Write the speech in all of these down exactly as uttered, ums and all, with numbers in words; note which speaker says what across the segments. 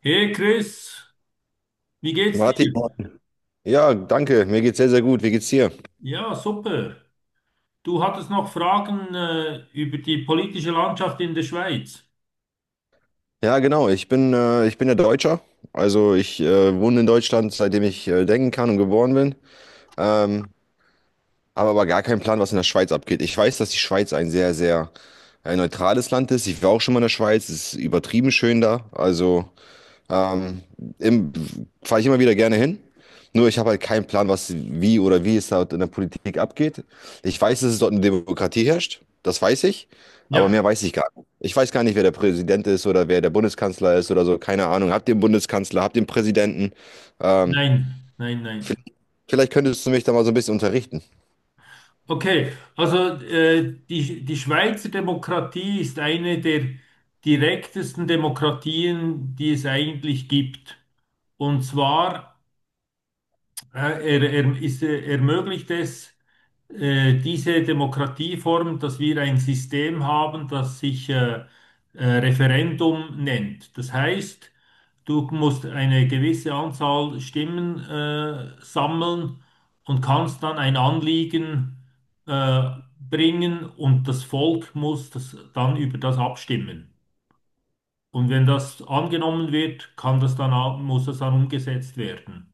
Speaker 1: Hey Chris, wie geht's
Speaker 2: Martin,
Speaker 1: dir?
Speaker 2: ja, danke. Mir geht's sehr, sehr gut. Wie geht's dir?
Speaker 1: Ja, super. Du hattest noch Fragen äh, über die politische Landschaft in der Schweiz.
Speaker 2: Ja, genau. Ich bin, äh, ich bin ja Deutscher. Also ich äh, wohne in Deutschland, seitdem ich äh, denken kann und geboren bin. Ähm, habe aber gar keinen Plan, was in der Schweiz abgeht. Ich weiß, dass die Schweiz ein sehr, sehr äh, neutrales Land ist. Ich war auch schon mal in der Schweiz. Es ist übertrieben schön da. Also Ähm, im, fahre ich immer wieder gerne hin. Nur ich habe halt keinen Plan, was, wie oder wie es dort in der Politik abgeht. Ich weiß, dass es dort eine Demokratie herrscht. Das weiß ich. Aber
Speaker 1: Ja,
Speaker 2: mehr weiß ich gar nicht. Ich weiß gar nicht, wer der Präsident ist oder wer der Bundeskanzler ist oder so. Keine Ahnung. Hab den Bundeskanzler, hab den Präsidenten. Ähm,
Speaker 1: nein, nein,
Speaker 2: v-
Speaker 1: nein.
Speaker 2: vielleicht könntest du mich da mal so ein bisschen unterrichten.
Speaker 1: Okay, also äh, die, die Schweizer Demokratie ist eine der direktesten Demokratien, die es eigentlich gibt. Und zwar Ja, Er, er, ist, äh, ermöglicht es, äh, diese Demokratieform, dass wir ein System haben, das sich äh, äh, Referendum nennt. Das heißt, du musst eine gewisse Anzahl Stimmen äh, sammeln und kannst dann ein Anliegen äh, bringen und das Volk muss das dann über das abstimmen. Und wenn das angenommen wird, kann das dann, auch- muss das dann umgesetzt werden.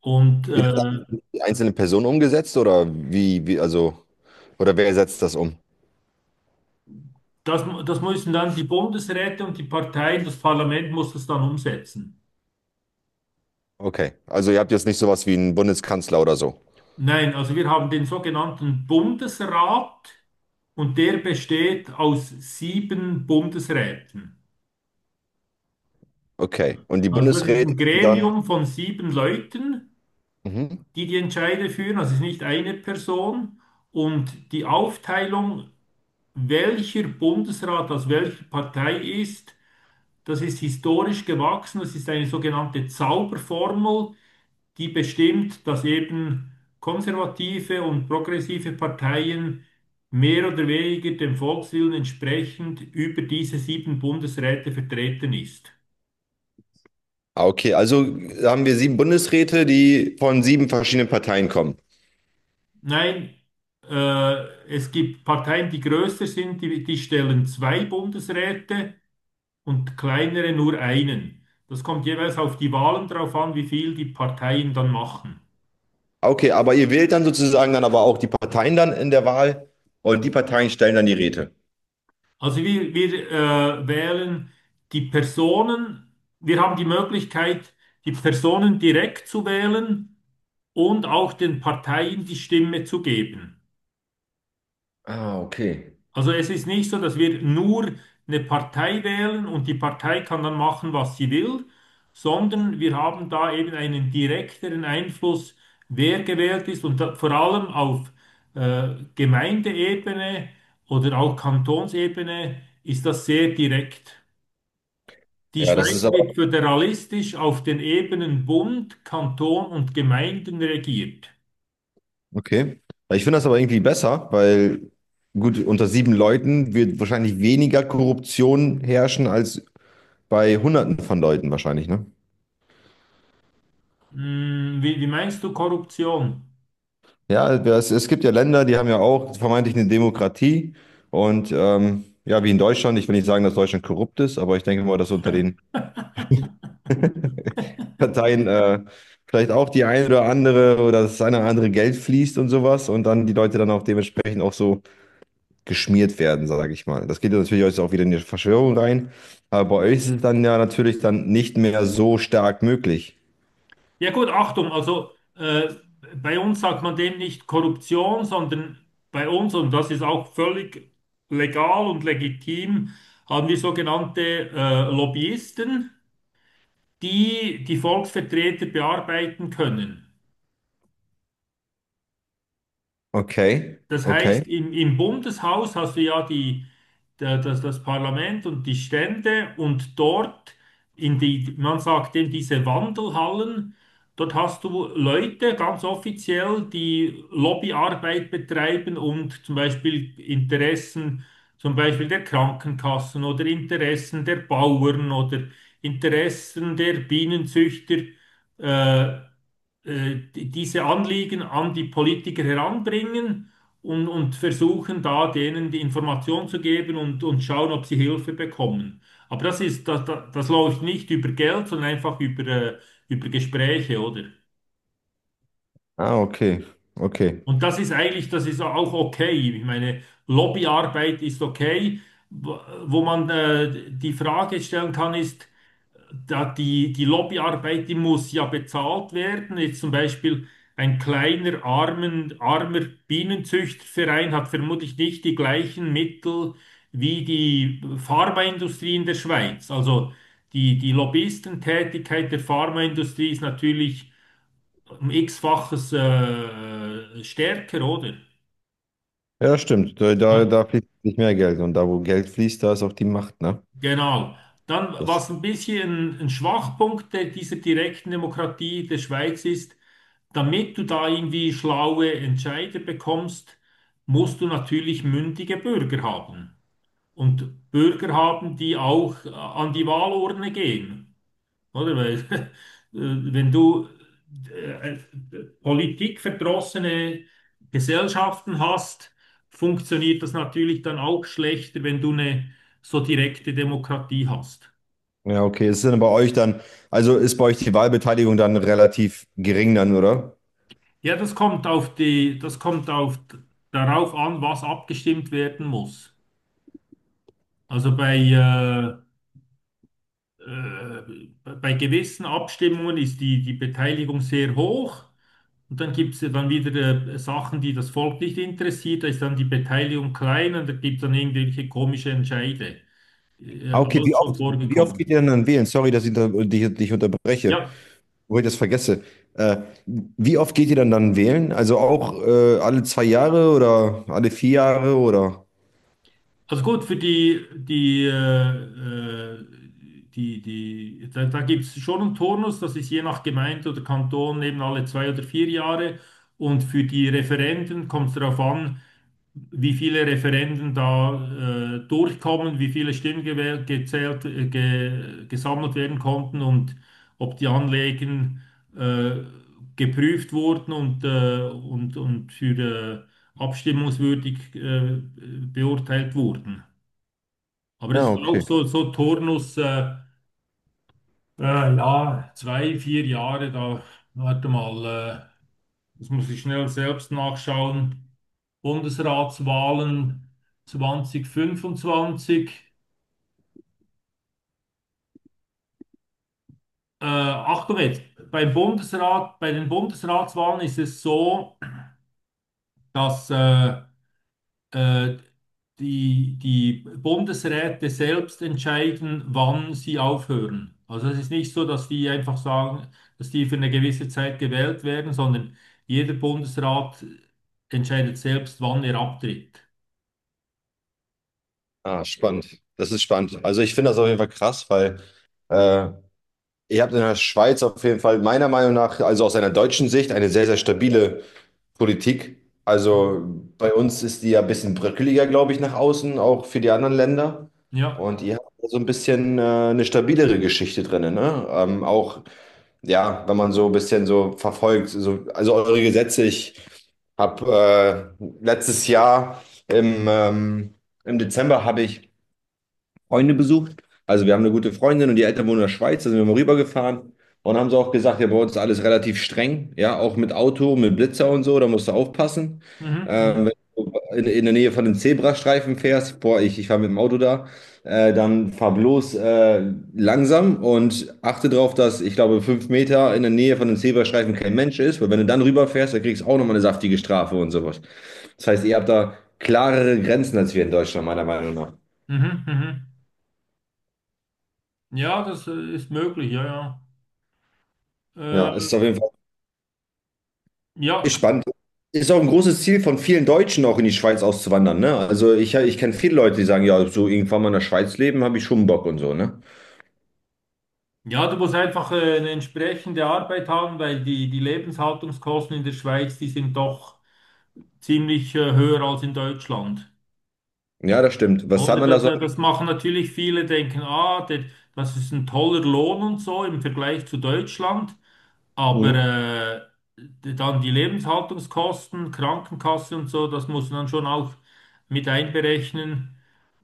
Speaker 1: Und
Speaker 2: Wie das
Speaker 1: äh,
Speaker 2: dann die einzelnen Personen umgesetzt oder wie, wie, also, oder wer setzt das um?
Speaker 1: Das, mu- das müssen dann die Bundesräte und die Parteien, das Parlament muss das dann umsetzen.
Speaker 2: Okay. Also ihr habt jetzt nicht sowas wie einen Bundeskanzler oder so.
Speaker 1: Nein, also wir haben den sogenannten Bundesrat und der besteht aus sieben Bundesräten.
Speaker 2: Okay. Und die
Speaker 1: Also das ist
Speaker 2: Bundesräte
Speaker 1: ein
Speaker 2: sind dann.
Speaker 1: Gremium von sieben Leuten,
Speaker 2: Mhm.
Speaker 1: die die Entscheide führen, also es ist nicht eine Person. Und die Aufteilung, welcher Bundesrat aus welcher Partei ist, das ist historisch gewachsen, das ist eine sogenannte Zauberformel, die bestimmt, dass eben konservative und progressive Parteien mehr oder weniger dem Volkswillen entsprechend über diese sieben Bundesräte vertreten ist.
Speaker 2: Ah, okay, also haben wir sieben Bundesräte, die von sieben verschiedenen Parteien kommen.
Speaker 1: Nein, äh, es gibt Parteien, die größer sind, die, die stellen zwei Bundesräte und kleinere nur einen. Das kommt jeweils auf die Wahlen drauf an, wie viel die Parteien dann machen.
Speaker 2: Ah, okay, aber ihr wählt dann sozusagen dann aber auch die Parteien dann in der Wahl und die Parteien stellen dann die Räte.
Speaker 1: Also wir, wir äh, wählen die Personen, wir haben die Möglichkeit, die Personen direkt zu wählen und auch den Parteien die Stimme zu geben.
Speaker 2: Ah, okay.
Speaker 1: Also es ist nicht so, dass wir nur eine Partei wählen und die Partei kann dann machen, was sie will, sondern wir haben da eben einen direkteren Einfluss, wer gewählt ist und da, vor allem auf äh, Gemeindeebene oder auch Kantonsebene ist das sehr direkt. Die
Speaker 2: Ja, das ist
Speaker 1: Schweiz wird
Speaker 2: aber.
Speaker 1: föderalistisch auf den Ebenen Bund, Kanton und Gemeinden regiert.
Speaker 2: Okay. Ich finde das aber irgendwie besser, weil gut, unter sieben Leuten wird wahrscheinlich weniger Korruption herrschen als bei Hunderten von Leuten wahrscheinlich, ne?
Speaker 1: Hm, wie, wie meinst du Korruption?
Speaker 2: Ja, es, es gibt ja Länder, die haben ja auch vermeintlich eine Demokratie. Und ähm, ja, wie in Deutschland, ich will nicht sagen, dass Deutschland korrupt ist, aber ich denke mal, dass unter den Parteien äh, vielleicht auch die eine oder andere oder das eine oder andere Geld fließt und sowas und dann die Leute dann auch dementsprechend auch so geschmiert werden, sage ich mal. Das geht ja natürlich jetzt auch wieder in die Verschwörung rein, aber bei euch ist es dann ja natürlich dann nicht mehr so stark möglich.
Speaker 1: Ja gut, Achtung, also äh, bei uns sagt man dem nicht Korruption, sondern bei uns, und das ist auch völlig legal und legitim, haben wir sogenannte äh, Lobbyisten, die die Volksvertreter bearbeiten können.
Speaker 2: Okay,
Speaker 1: Das
Speaker 2: okay.
Speaker 1: heißt, im, im Bundeshaus hast du ja die, da- das, das Parlament und die Stände und dort in die, man sagt eben diese Wandelhallen, dort hast du Leute ganz offiziell, die Lobbyarbeit betreiben und zum Beispiel Interessen, zum Beispiel der Krankenkassen oder Interessen der Bauern oder Interessen der Bienenzüchter äh, äh, die- diese Anliegen an die Politiker heranbringen und, und versuchen da denen die Information zu geben und, und schauen, ob sie Hilfe bekommen. Aber das ist, das, das, das läuft nicht über Geld, sondern einfach über, äh, über Gespräche, oder?
Speaker 2: Ah, okay, okay.
Speaker 1: Und das ist eigentlich, das ist auch okay. Ich meine, Lobbyarbeit ist okay. Wo wo man äh, die Frage stellen kann, ist, da die, die Lobbyarbeit, die muss ja bezahlt werden. Jetzt zum Beispiel ein kleiner, armen, armer Bienenzüchterverein hat vermutlich nicht die gleichen Mittel wie die Pharmaindustrie in der Schweiz. Also die, die Lobbyistentätigkeit der Pharmaindustrie ist natürlich um x-faches äh, stärker, oder?
Speaker 2: Ja, stimmt. Da,
Speaker 1: Ne?
Speaker 2: da, da fließt nicht mehr Geld. Und da, wo Geld fließt, da ist auch die Macht, ne?
Speaker 1: Genau. Dann,
Speaker 2: Das,
Speaker 1: was ein bisschen ein Schwachpunkt der, dieser direkten Demokratie der Schweiz ist, damit du da irgendwie schlaue Entscheider bekommst, musst du natürlich mündige Bürger haben. Und Bürger haben, die auch äh, an die Wahlurne gehen. Oder? Weil, äh, wenn du äh, politikverdrossene Gesellschaften hast, funktioniert das natürlich dann auch schlechter, wenn du eine so direkte Demokratie hast.
Speaker 2: ja, okay. Ist denn bei euch dann, also ist bei euch die Wahlbeteiligung dann relativ gering dann, oder?
Speaker 1: Ja, das kommt auf die, das kommt auf, darauf an, was abgestimmt werden muss. Also bei, äh, äh, bei gewissen Abstimmungen ist die, die Beteiligung sehr hoch und dann gibt es dann wieder äh, Sachen, die das Volk nicht interessiert, da ist dann die Beteiligung klein und da gibt es dann irgendwelche komische Entscheide. Äh,
Speaker 2: Ah, okay. Wie
Speaker 1: alles schon
Speaker 2: oft, wie oft geht ihr
Speaker 1: vorgekommen.
Speaker 2: denn dann wählen? Sorry, dass ich unter, dich, dich unterbreche,
Speaker 1: Ja.
Speaker 2: wo ich das vergesse. Äh, wie oft geht ihr dann dann wählen? Also auch äh, alle zwei Jahre oder alle vier Jahre oder?
Speaker 1: Also gut, für die, die, äh, äh, die, die, da, da gibt es schon einen Turnus, das ist je nach Gemeinde oder Kanton eben alle zwei oder vier Jahre. Und für die Referenden kommt es darauf an, wie viele Referenden da äh, durchkommen, wie viele Stimmen gewählt, gezählt, äh, ge, gesammelt werden konnten und ob die Anliegen äh, geprüft wurden und, äh, und, und für äh, abstimmungswürdig äh, beurteilt wurden. Aber es
Speaker 2: Ja,
Speaker 1: ist auch
Speaker 2: okay.
Speaker 1: so, so, Turnus, äh, äh, ja, zwei, vier Jahre, da, warte mal, äh, das muss ich schnell selbst nachschauen. Bundesratswahlen zweitausendfünfundzwanzig. Äh, Achtung jetzt, beim Bundesrat, bei den Bundesratswahlen ist es so, dass äh, äh, die, die Bundesräte selbst entscheiden, wann sie aufhören. Also es ist nicht so, dass die einfach sagen, dass die für eine gewisse Zeit gewählt werden, sondern jeder Bundesrat entscheidet selbst, wann er abtritt.
Speaker 2: Ah, spannend. Das ist spannend. Also ich finde das auf jeden Fall krass, weil äh, Ihr habt in der Schweiz auf jeden Fall meiner Meinung nach, also aus einer deutschen Sicht, eine sehr, sehr stabile Politik. Also bei uns ist die ja ein bisschen bröckeliger, glaube ich, nach außen, auch für die anderen Länder.
Speaker 1: Ja.
Speaker 2: Und ihr habt so ein bisschen äh, eine stabilere Geschichte drin, ne? Ähm, auch, ja, wenn man so ein bisschen so verfolgt, so, also eure Gesetze, ich habe äh, letztes Jahr im, ähm, im Dezember habe ich Freunde besucht. Also wir haben eine gute Freundin und die Eltern wohnen in der Schweiz, da sind wir mal rübergefahren. Und haben sie auch gesagt, ja, bei uns ist alles relativ streng, ja, auch mit Auto, mit Blitzer und so, da musst du aufpassen.
Speaker 1: Mhm,
Speaker 2: Ähm, wenn
Speaker 1: mhm,
Speaker 2: du in, in der Nähe von den Zebrastreifen fährst, boah, ich, ich fahre mit dem Auto da, äh, dann fahr bloß äh, langsam und achte darauf, dass, ich glaube, fünf Meter in der Nähe von den Zebrastreifen kein Mensch ist, weil wenn du dann rüberfährst, dann kriegst du auch nochmal eine saftige Strafe und sowas. Das heißt, ihr habt da klarere Grenzen als wir in Deutschland, meiner Meinung nach.
Speaker 1: mhm, mhm. Ja, das äh, ist möglich, ja, ja. Äh,
Speaker 2: Ja, es ist auf jeden Fall. Ist
Speaker 1: ja.
Speaker 2: spannend. Ist auch ein großes Ziel von vielen Deutschen, auch in die Schweiz auszuwandern, ne? Also ich, ich kenne viele Leute, die sagen, ja, so irgendwann mal in der Schweiz leben, habe ich schon Bock und so, ne?
Speaker 1: Ja, du musst einfach äh, eine entsprechende Arbeit haben, weil die, die Lebenshaltungskosten in der Schweiz, die sind doch ziemlich äh, höher als in Deutschland.
Speaker 2: Ja, das stimmt. Was hat
Speaker 1: Oder
Speaker 2: man
Speaker 1: da-
Speaker 2: da so?
Speaker 1: da- das machen natürlich viele, denken, ah, der, das ist ein toller Lohn und so im Vergleich zu Deutschland. Aber
Speaker 2: Mhm.
Speaker 1: äh, d- dann die Lebenshaltungskosten, Krankenkasse und so, das muss man dann schon auch mit einberechnen.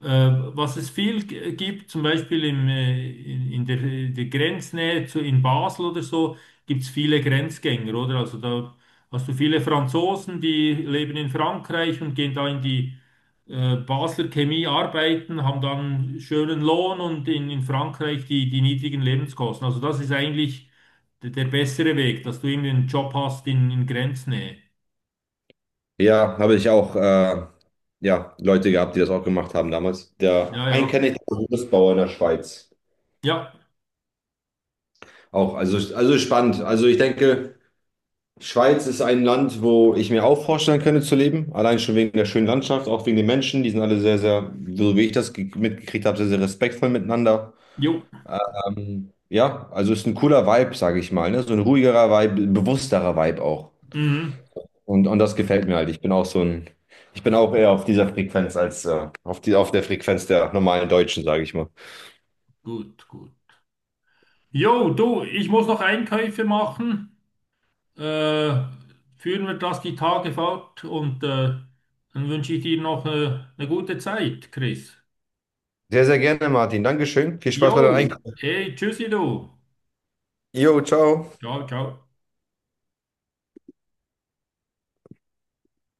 Speaker 1: Äh, Was es viel g- gibt, zum Beispiel im, äh, in, in der, in der Grenznähe zu, in Basel oder so, gibt es viele Grenzgänger, oder? Also da hast du viele Franzosen, die leben in Frankreich und gehen da in die äh, Basler Chemie arbeiten, haben dann schönen Lohn und in, in Frankreich die, die niedrigen Lebenskosten. Also das ist eigentlich der, der bessere Weg, dass du eben einen Job hast in, in Grenznähe.
Speaker 2: Ja, habe ich auch, äh, ja, Leute gehabt, die das auch gemacht haben damals. Der
Speaker 1: Ja,
Speaker 2: einen kenne
Speaker 1: ja.
Speaker 2: ich, der ist Gerüstbauer in der Schweiz.
Speaker 1: Ja,
Speaker 2: Auch, also, also spannend. Also ich denke, Schweiz ist ein Land, wo ich mir auch vorstellen könnte zu leben. Allein schon wegen der schönen Landschaft, auch wegen den Menschen. Die sind alle sehr, sehr, so wie ich das ge- mitgekriegt habe, sehr, sehr respektvoll miteinander.
Speaker 1: jo.
Speaker 2: Ähm, ja, also ist ein cooler Vibe, sage ich mal, ne? So ein ruhigerer Vibe, bewussterer Vibe auch.
Speaker 1: Mhm.
Speaker 2: Und, und das gefällt mir halt. Ich bin auch so ein, ich bin auch eher auf dieser Frequenz als äh, auf die, auf der Frequenz der normalen Deutschen, sage ich mal.
Speaker 1: Gut, gut. Jo, du, ich muss noch Einkäufe machen. Äh, Führen wir das die Tage fort und äh, dann wünsche ich dir noch äh, eine gute Zeit, Chris.
Speaker 2: Sehr, sehr gerne, Martin. Dankeschön. Viel
Speaker 1: Jo,
Speaker 2: Spaß bei deinem Einkaufen.
Speaker 1: hey, tschüssi du.
Speaker 2: Jo, ciao.
Speaker 1: Ciao, ciao.